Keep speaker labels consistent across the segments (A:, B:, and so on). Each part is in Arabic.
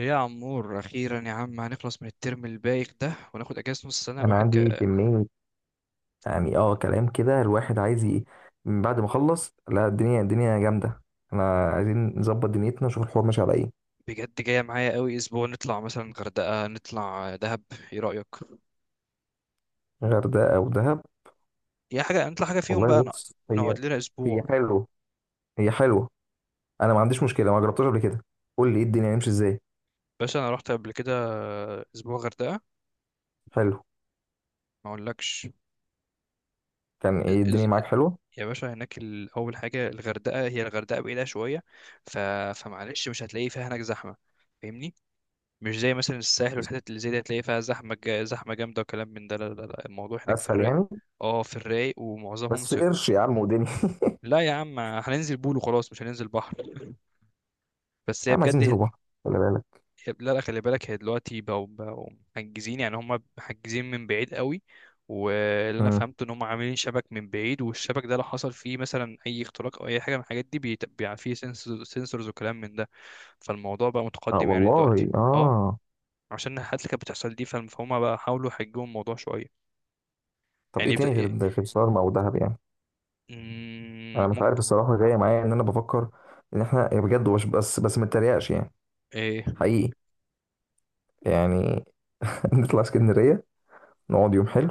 A: ايه يا عمور، اخيرا يا عم هنخلص من الترم البايخ ده وناخد اجازه نص سنه.
B: انا
A: الواحد
B: عندي كمية، يعني كلام كده الواحد عايز من بعد ما اخلص. لا، الدنيا جامدة. احنا عايزين نظبط دنيتنا، نشوف الحوار ماشي على ايه.
A: بجد جايه معايا قوي؟ اسبوع نطلع مثلا غردقه، نطلع دهب، ايه رايك؟
B: غردقة او دهب؟
A: يا حاجه نطلع حاجه فيهم بقى.
B: والله بص،
A: نقعد
B: هي
A: لنا اسبوع.
B: هي حلوة هي حلوة. انا ما عنديش مشكلة، ما جربتهاش قبل كده. قول لي ايه الدنيا، هنمشي ازاي؟
A: باشا انا رحت قبل كده اسبوع غردقه.
B: حلو.
A: ما اقولكش.
B: كان
A: إز-
B: ايه
A: إز-
B: الدنيا معاك حلوة؟
A: يا باشا هناك اول حاجه، الغردقه، هي الغردقه بعيده شويه. ف... فمعلش، مش هتلاقي فيها هناك زحمه، فاهمني؟ مش زي مثلا الساحل والحتت اللي زي دي هتلاقي فيها زحمة جامدة وكلام من ده. لا لا لا، الموضوع هناك في
B: اسهل
A: الرايق.
B: يعني.
A: اه في الرايق ومعظمهم
B: بس
A: سوق.
B: قرش يا عم ودنيا.
A: لا يا عم هننزل بول وخلاص، مش هننزل بحر. بس
B: يا
A: هي
B: عم عايزين
A: بجد.
B: ننزلوا بحر، خلي بالك.
A: لا لا، خلي بالك هي دلوقتي بقوا محجزين، يعني هم محجزين من بعيد قوي. واللي انا
B: امم.
A: فهمته ان هم عاملين شبك من بعيد، والشبك ده لو حصل فيه مثلا اي اختراق او اي حاجه من الحاجات دي بيبقى فيه سنسورز وكلام من ده. فالموضوع بقى
B: اه
A: متقدم يعني دلوقتي.
B: والله
A: اه.
B: اه.
A: عشان الحاجات اللي كانت بتحصل دي فهم بقى حاولوا يحجموا الموضوع شويه.
B: طب ايه
A: يعني بت...
B: تاني غير
A: إيه...
B: غير شرم او دهب يعني؟
A: مم،
B: انا مش عارف
A: ممكن.
B: الصراحه، جايه معايا ان انا بفكر ان احنا يعني بجد وش. بس ما اتريقش يعني،
A: إيه...
B: حقيقي يعني. نطلع اسكندريه، نقعد يوم حلو،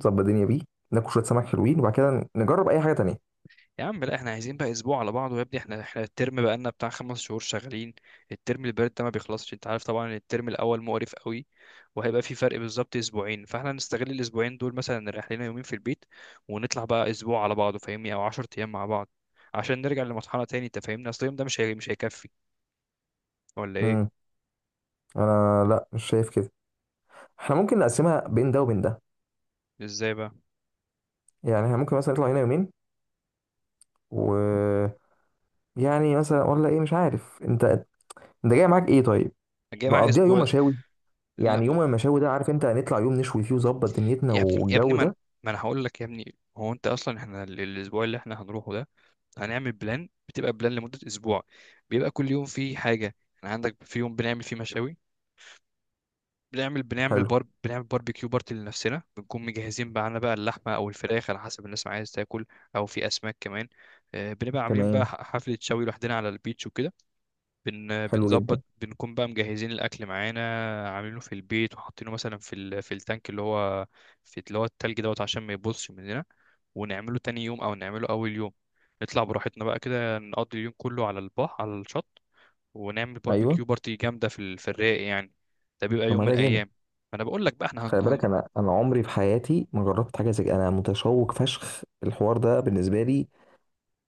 B: نظبط الدنيا بيه، ناكل شويه سمك حلوين، وبعد كده نجرب اي حاجه تانية.
A: يا عم لا، احنا عايزين بقى اسبوع على بعضه يا ابني. احنا الترم بقى لنا بتاع 5 شهور شغالين. الترم البارد ده ما بيخلصش، انت عارف طبعا الترم الاول مقرف قوي. وهيبقى في فرق بالظبط اسبوعين، فاحنا نستغل الاسبوعين دول مثلا، نريح لنا يومين في البيت ونطلع بقى اسبوع على بعضه فاهمني، او 10 ايام مع بعض. عشان نرجع لمرحله تاني، انت فاهمني؟ اصل اليوم ده مش هيكفي، ولا
B: امم.
A: ايه؟
B: انا لا، مش شايف كده. احنا ممكن نقسمها بين ده وبين ده.
A: ازاي بقى؟
B: يعني احنا ممكن مثلا نطلع هنا يومين، و، يعني مثلا، ولا ايه؟ مش عارف انت. انت جاي معاك ايه طيب؟
A: جاي معايا
B: نقضيها يوم
A: اسبوع.
B: مشاوي.
A: لا
B: يعني يوم المشاوي ده، عارف انت، هنطلع يوم نشوي فيه وظبط دنيتنا
A: يا ابني يا ابني،
B: والجو
A: ما انا
B: ده.
A: ما أنا هقول لك يا ابني، هو انت اصلا، احنا الاسبوع اللي احنا هنروحه ده هنعمل بلان، بتبقى بلان لمدة اسبوع. بيبقى كل يوم فيه حاجة. احنا عندك في يوم بنعمل فيه مشاوي.
B: حلو.
A: بنعمل باربيكيو بارتي لنفسنا، بنكون مجهزين معانا بقى اللحمة او الفراخ على حسب الناس ما عايز تاكل، او في اسماك كمان. بنبقى عاملين بقى
B: تمام،
A: حفلة شوي لوحدنا على البيتش وكده. بن آه،
B: حلو
A: بنظبط،
B: جدا.
A: بنكون بقى مجهزين الاكل معانا، عاملينه في البيت وحاطينه مثلا في في التانك اللي هو، في اللي هو التلج دوت، عشان ما يبصش مننا. ونعمله تاني يوم او نعمله اول يوم. نطلع براحتنا بقى كده، نقضي اليوم كله على البحر على الشط، ونعمل
B: ايوه.
A: باربيكيو بارتي جامده في في الرايق يعني. ده بيبقى
B: طب
A: يوم
B: ما
A: من
B: ده جامد.
A: الايام. فانا بقول لك بقى احنا
B: خلي بالك انا عمري في حياتي ما جربت حاجه زي كده. انا متشوق فشخ، الحوار ده بالنسبه لي.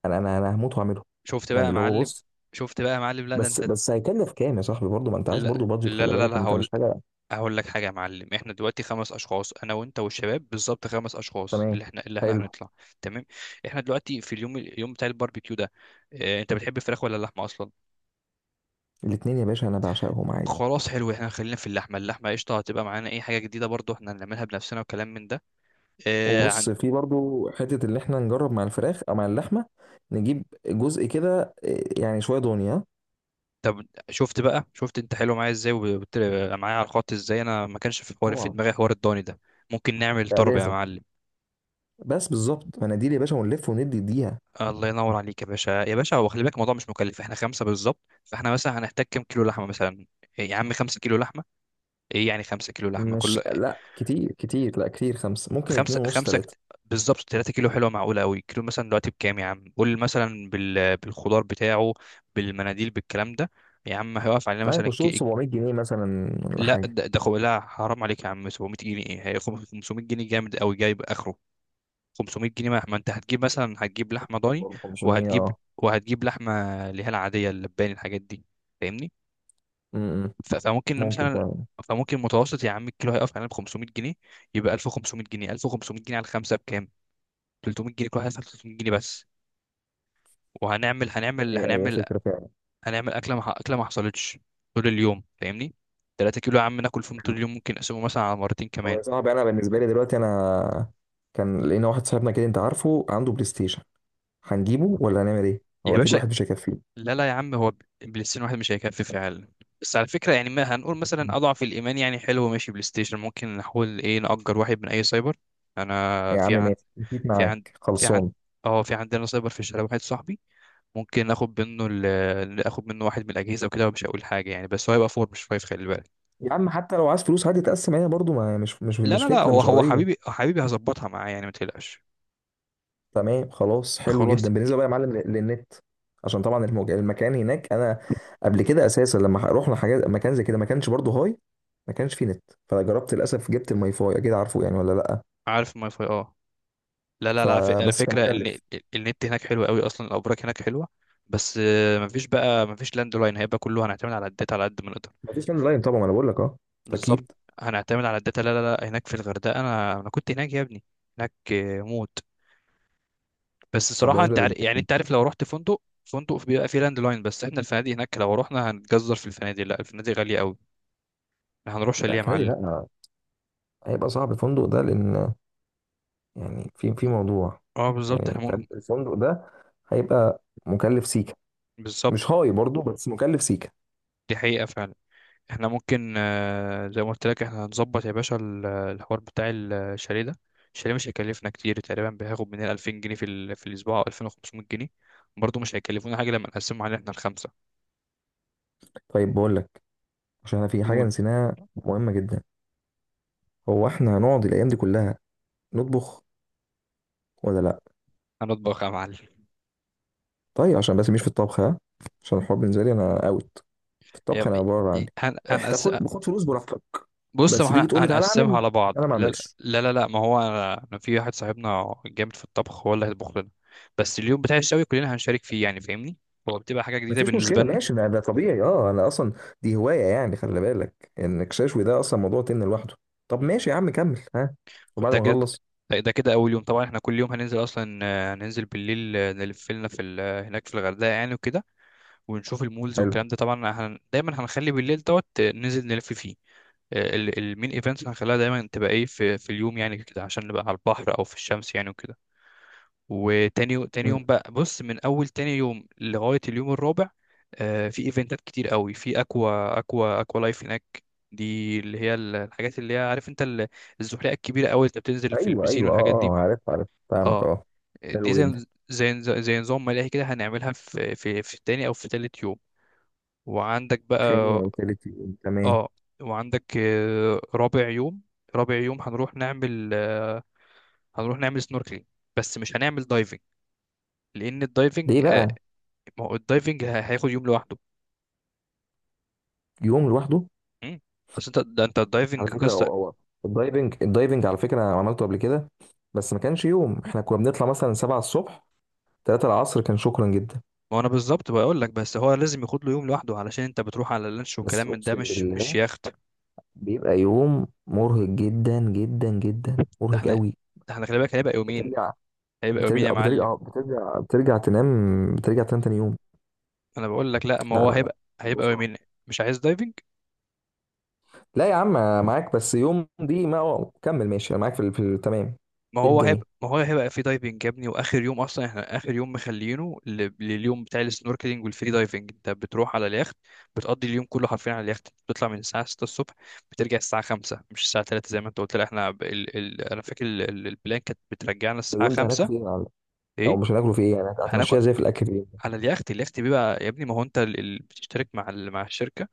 B: انا هموت واعمله.
A: شفت بقى
B: يعني
A: يا
B: اللي هو
A: معلم
B: بص،
A: شفت بقى يا معلم، لا ده
B: بس
A: انت.
B: بس هيكلف كام يا صاحبي؟ برضه ما انت عايز
A: لا
B: برضه بادجت،
A: لا
B: خلي
A: لا لا,
B: بالك
A: لا
B: انت
A: هقول
B: مش حاجه.
A: هقول لك حاجه يا معلم، احنا دلوقتي 5 اشخاص، انا وانت والشباب بالظبط 5 اشخاص
B: تمام،
A: اللي احنا
B: حلو.
A: هنطلع. تمام. احنا دلوقتي في اليوم بتاع الباربيكيو ده، اه انت بتحب الفراخ ولا اللحمه اصلا؟
B: الاتنين يا باشا، انا بعشقهم عادي.
A: خلاص حلو، احنا خلينا في اللحمه قشطه. هتبقى معانا اي حاجه جديده برضو احنا هنعملها بنفسنا وكلام من ده. إيه عن...
B: وبص، في برضه حته اللي احنا نجرب مع الفراخ او مع اللحمه، نجيب جزء كده إيه، يعني شويه دنيا.
A: طب شفت بقى؟ شفت انت حلو معايا ازاي وقلت معايا على الخط ازاي؟ انا ما كانش في حوار في
B: طبعا.
A: دماغي حوار الضاني ده. ممكن نعمل
B: لا
A: طرب يا
B: لازم.
A: معلم.
B: بس بالظبط مناديل يا باشا، ونلف وندي ديها.
A: الله ينور عليك يا باشا يا باشا. هو خلي بالك الموضوع مش مكلف، احنا خمسه بالظبط، فاحنا مثلا هنحتاج كام كيلو لحمه مثلا؟ إيه يا عم 5 كيلو لحمه؟ ايه يعني 5 كيلو
B: مش
A: لحمه كله؟
B: لا، كتير كتير لا كتير، خمسة ممكن، اتنين
A: خمسة
B: ونص،
A: خمسة
B: تلاتة.
A: كت- بالظبط 3 كيلو، حلوة معقولة قوي. كيلو مثلا دلوقتي بكام يا عم قول، مثلا بالخضار بتاعه، بالمناديل، بالكلام ده. يا عم هيقف علينا
B: لا
A: مثلا
B: يخشوا 700 جنيه مثلا ولا
A: لا
B: حاجة.
A: لا، حرام عليك يا عم 700 جنيه ايه، هي 500 جنيه جامد قوي جايب اخره. 500 جنيه، ما انت هتجيب مثلا هتجيب لحمة ضاني،
B: 500،
A: وهتجيب
B: اه.
A: وهتجيب لحمة اللي هي العادية اللباني الحاجات دي، فاهمني؟
B: امم.
A: ف... فممكن
B: ممكن
A: مثلا
B: فعلا.
A: فممكن متوسط يا عم الكيلو هيقف علينا ب 500 جنيه، يبقى 1500 جنيه. 1500 جنيه على الخمسة بكام؟ 300 جنيه. كل واحد يدفع 300 جنيه بس. وهنعمل هنعمل
B: هي، هي
A: هنعمل
B: فكرة فعلا.
A: هنعمل اكله ما اكله ما حصلتش طول اليوم، فاهمني؟ 3 كيلو يا عم ناكل فيهم طول اليوم، ممكن نقسمه مثلا على مرتين
B: طب
A: كمان.
B: يا صاحبي، أنا بالنسبة لي دلوقتي أنا كان لقينا واحد صاحبنا كده، أنت عارفه، عنده بلاي ستيشن. هنجيبه ولا هنعمل إيه؟ هو
A: يا
B: أكيد
A: باشا
B: واحد مش هيكفيه.
A: لا لا يا عم، هو بلاي ستيشن واحد مش هيكفي فعلا. بس على فكره يعني، ما هنقول
B: هيكفيه.
A: مثلا اضعف الايمان يعني، حلو ماشي، بلاي ستيشن ممكن نحاول ايه نأجر واحد من اي سايبر. انا
B: يا عم
A: في عن
B: ماشي، مشيت
A: في عن
B: معاك،
A: في عن
B: خلصان.
A: اه في عندنا سايبر في الشارع، واحد صاحبي، ممكن ناخد منه واحد من الاجهزه وكده. ومش هقول حاجه يعني بس هو هيبقى فور مش فايف، خلي بالك.
B: يا عم حتى لو عايز فلوس عادي تقسم، هي برضو ما مش مش
A: لا
B: مش
A: لا لا،
B: فكرة،
A: هو
B: مش
A: هو حبيبي
B: قضية.
A: حبيبي هظبطها معاه يعني، ما تقلقش.
B: تمام خلاص، حلو
A: خلاص.
B: جدا. بالنسبه بقى يا معلم للنت، عشان طبعا المكان هناك، انا قبل كده اساسا لما رحنا حاجات مكان زي كده، ما كانش برضه هاي، ما كانش فيه نت. فجربت للاسف، جبت الماي فاي، اكيد عارفه يعني ولا لا.
A: عارف الماي فاي؟ اه. لا لا لا، على على
B: فبس كان
A: فكره،
B: مكلف.
A: النت هناك حلو قوي اصلا، الابراج هناك حلوه. بس مفيش لاند لاين، هيبقى كله هنعتمد على الداتا على قد ما نقدر.
B: ما فيش لاين طبعا، انا بقول لك اه.
A: بالظبط.
B: اكيد.
A: هنعتمد على الداتا. لا لا لا هناك في الغردقه، انا كنت هناك يا ابني. هناك موت. بس
B: طب
A: الصراحه
B: بالنسبه
A: انت عارف يعني،
B: للبيكنج.
A: انت عارف لو رحت فندق، فندق بيبقى فيه لاند لاين. بس احنا الفنادق هناك لو رحنا هنتجزر في الفنادق. لا، الفنادق غاليه قوي. احنا هنروح شاليه
B: لا
A: يا
B: فنادي
A: معلم.
B: لا، هيبقى صعب الفندق ده لان، يعني في في موضوع،
A: اه بالظبط، احنا
B: يعني
A: ممكن.
B: فاهم؟ الفندق ده هيبقى مكلف سيكا.
A: بالظبط،
B: مش هاي برضه، بس مكلف سيكا.
A: دي حقيقة فعلا. احنا ممكن زي ما قلت لك احنا هنظبط يا باشا الحوار بتاع الشاليه ده. الشاليه مش هيكلفنا كتير، تقريبا بياخد مننا 2000 جنيه في, في الأسبوع، أو 2500 جنيه. برضه مش هيكلفونا حاجة لما نقسمهم علينا احنا الخمسة.
B: طيب بقول لك، عشان انا في حاجه
A: قول.
B: نسيناها مهمه جدا. هو احنا هنقعد الايام دي كلها نطبخ ولا لا؟
A: هنطبخ يا معلم.
B: طيب، عشان بس مش في الطبخ ها، عشان الحوار بالنسبه لي انا اوت. في الطبخ
A: يا
B: انا بره عني.
A: هن...
B: احنا
A: هنقس...
B: تاخد باخد فلوس براحتك،
A: بص، ما
B: بس
A: احنا
B: تيجي تقول لي تعالى
A: هنقسمها
B: اعمل،
A: على بعض.
B: انا ما
A: لا
B: اعملش.
A: لا لا, لا ما هو أنا في واحد صاحبنا جامد في الطبخ هو اللي هيطبخ لنا. بس اليوم بتاع الشوي كلنا هنشارك فيه، يعني فاهمني، هو بتبقى حاجة جديدة
B: مفيش
A: بالنسبة
B: مشكله، ماشي، ده ده طبيعي اه، انا اصلا دي هوايه، يعني خلي بالك انك ششوي ده اصلا موضوع تن لوحده. طب
A: لنا.
B: ماشي يا عم، كمل ها. وبعد
A: ده
B: ما
A: كده
B: نخلص.
A: ده كده اول يوم. طبعا احنا كل يوم هننزل اصلا، هننزل بالليل، نلف لنا في هناك في الغردقه يعني وكده. ونشوف المولز
B: حلو.
A: والكلام ده. طبعا هن دايما هنخلي بالليل دوت، ننزل نلف فيه. المين ايفنتس هنخليها دايما تبقى ايه في اليوم يعني كده، عشان نبقى على البحر او في الشمس يعني وكده. تاني
B: مم.
A: يوم بقى، بص، من اول تاني يوم لغايه اليوم الرابع، في ايفنتات كتير قوي في اكوا لايف هناك. دي اللي هي الحاجات اللي هي عارف انت الزحليقه الكبيره قوي اللي بتنزل في
B: ايوه
A: البسين
B: ايوه، اه
A: والحاجات
B: اه،
A: دي.
B: آه، عارف عارف، فاهمك
A: اه.
B: اه.
A: دي
B: حلو جدا.
A: زي نظام ملاهي كده، هنعملها في تاني او في تالت يوم. وعندك بقى،
B: تاني او تالت يوم، تمام.
A: اه. وعندك رابع يوم هنروح نعمل سنوركلينج. بس مش هنعمل دايفنج، لان الدايفنج،
B: ليه بقى؟
A: ما هو الدايفنج هياخد يوم لوحده.
B: يوم لوحده.
A: مم. اصل انت ده، انت الدايفنج
B: على فكره،
A: قصه.
B: هو الدايفنج على فكره انا عملته قبل كده. بس ما كانش يوم، احنا كنا بنطلع مثلا 7 الصبح، 3 العصر كان شكرا جدا.
A: ما انا بالظبط بقول لك، بس هو لازم ياخد له يوم لوحده، علشان انت بتروح على لانش
B: بس
A: وكلام من ده،
B: اقسم
A: مش
B: بالله
A: يخت.
B: بيبقى يوم مرهق جدا جدا جدا،
A: ده
B: مرهق
A: احنا
B: قوي.
A: ده احنا خلي بالك هيبقى يومين،
B: بترجع
A: هيبقى يومين يا
B: بترجع
A: معلم.
B: بترجع بترجع بترجع تنام، بترجع تنام تاني يوم.
A: انا بقول لك، لا ما
B: لا
A: هو
B: لا لا
A: هيبقى
B: الموضوع
A: هيبقى
B: صعب.
A: يومين. مش عايز دايفنج.
B: لا يا عم، معاك بس يوم دي ما، أه، كمل ماشي، انا معاك في تمام.
A: ما
B: ايه
A: هو
B: الدنيا؟
A: هيبقى ما هو هيبقى في دايفنج يا ابني، واخر يوم اصلا، احنا اخر يوم مخلينه لليوم بتاع السنوركلينج والفري دايفنج. انت بتروح على اليخت بتقضي اليوم كله حرفيا على اليخت. بتطلع من الساعه 6 الصبح، بترجع الساعه 5، مش الساعه 3 زي ما انت قلت. لا احنا انا فاكر البلان كانت بترجعنا الساعه
B: اليوم ده هناكل
A: 5.
B: فيه ايه يا معلم؟ او
A: ايه،
B: مش هناكله، فيه ايه يعني
A: هناكل
B: هتمشيها زي في الاكل؟
A: على اليخت بيبقى يا ابني، ما هو انت بتشترك مع مع الشركه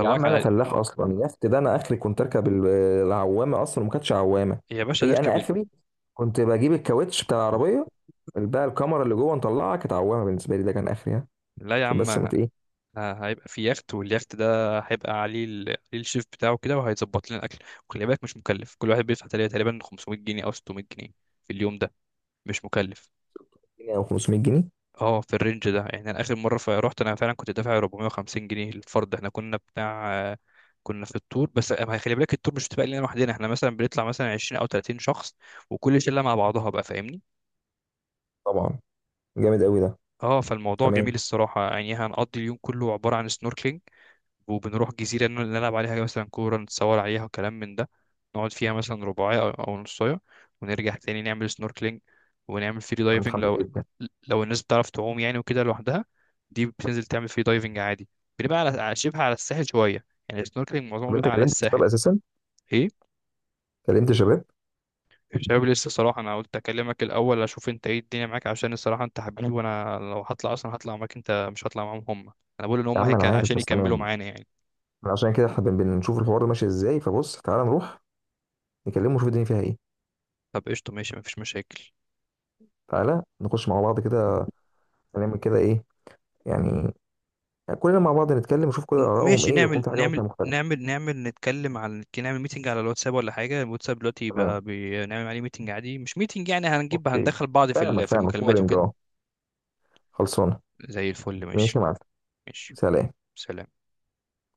B: يا عم انا
A: على.
B: فلاح اصلا، اليخت ده، انا اخري كنت اركب العوامه، اصلا وما كانتش عوامه.
A: يا باشا
B: هي
A: نركب
B: انا اخري كنت بجيب الكاوتش بتاع العربيه، اللي بقى الكاميرا اللي جوه نطلعها، كانت عوامه بالنسبه لي، ده كان اخري ها.
A: لا يا
B: عشان
A: عم
B: بس ما ايه.
A: هيبقى في يخت، واليخت ده هيبقى عليه عليه الشيف بتاعه كده وهيظبط لنا الاكل. وخلي بالك مش مكلف، كل واحد بيدفع تقريبا 500 جنيه او 600 جنيه في اليوم ده، مش مكلف.
B: 100 او 500 جنيه.
A: اه في الرينج ده يعني. انا اخر مره رحت انا فعلا كنت دافع 450 جنيه للفرد. احنا كنا بتاع كنا في التور. بس أما خلي بالك التور مش بتبقى لنا لوحدنا، احنا مثلا بنطلع مثلا 20 او 30 شخص، وكل شله مع بعضها بقى، فاهمني؟
B: طبعا. جامد قوي ده.
A: اه، فالموضوع جميل
B: تمام.
A: الصراحه يعني. هنقضي اليوم كله عباره عن سنوركلينج، وبنروح جزيرة إنه نلعب عليها مثلا كورة، نتصور عليها وكلام من ده. نقعد فيها مثلا رباعية أو نصاية، ونرجع تاني نعمل سنوركلينج. ونعمل فري
B: انا
A: دايفنج
B: متحمس
A: لو
B: جدا.
A: لو الناس بتعرف تعوم يعني وكده لوحدها، دي بتنزل تعمل فري دايفنج عادي. بنبقى على شبه على الساحل شوية يعني، السنوركلينج معظمه
B: طب
A: بيبقى
B: انت
A: على
B: كلمت شباب
A: الساحل.
B: اساسا؟
A: ايه؟
B: كلمت شباب.
A: الشباب لسه، صراحة أنا قلت أكلمك الأول أشوف أنت إيه الدنيا معاك، عشان الصراحة أنت حبيبي وأنا لو هطلع أصلا هطلع معاك أنت، مش هطلع معاهم هم. أنا بقول إن
B: يا عم انا عارف
A: عشان
B: بس،
A: يكملوا
B: تمام.
A: معانا يعني.
B: أنا عشان كده احنا بنشوف الحوار ده ماشي ازاي. فبص تعالى نروح نكلمه، ونشوف الدنيا فيها ايه.
A: طب قشطة ماشي، مفيش مشاكل.
B: تعالى نخش مع بعض كده، نعمل كده ايه يعني، يعني كلنا مع بعض نتكلم، نشوف كل آرائهم
A: ماشي،
B: إيه، لو يكون
A: نعمل
B: في حاجة
A: نعمل
B: مثلا مختلفة.
A: نعمل نعمل نتكلم، على نعمل ميتنج على الواتساب ولا حاجة. الواتساب دلوقتي
B: تمام.
A: بقى بنعمل عليه ميتنج عادي، مش ميتنج يعني، هنجيب
B: أوكي.
A: هندخل بعض في
B: فاهمك
A: في
B: فاهمك
A: المكالمات
B: كورينج
A: وكده.
B: أه. خلصانة.
A: زي الفل، ماشي.
B: ماشي يا معلم.
A: ماشي.
B: سلام.
A: سلام.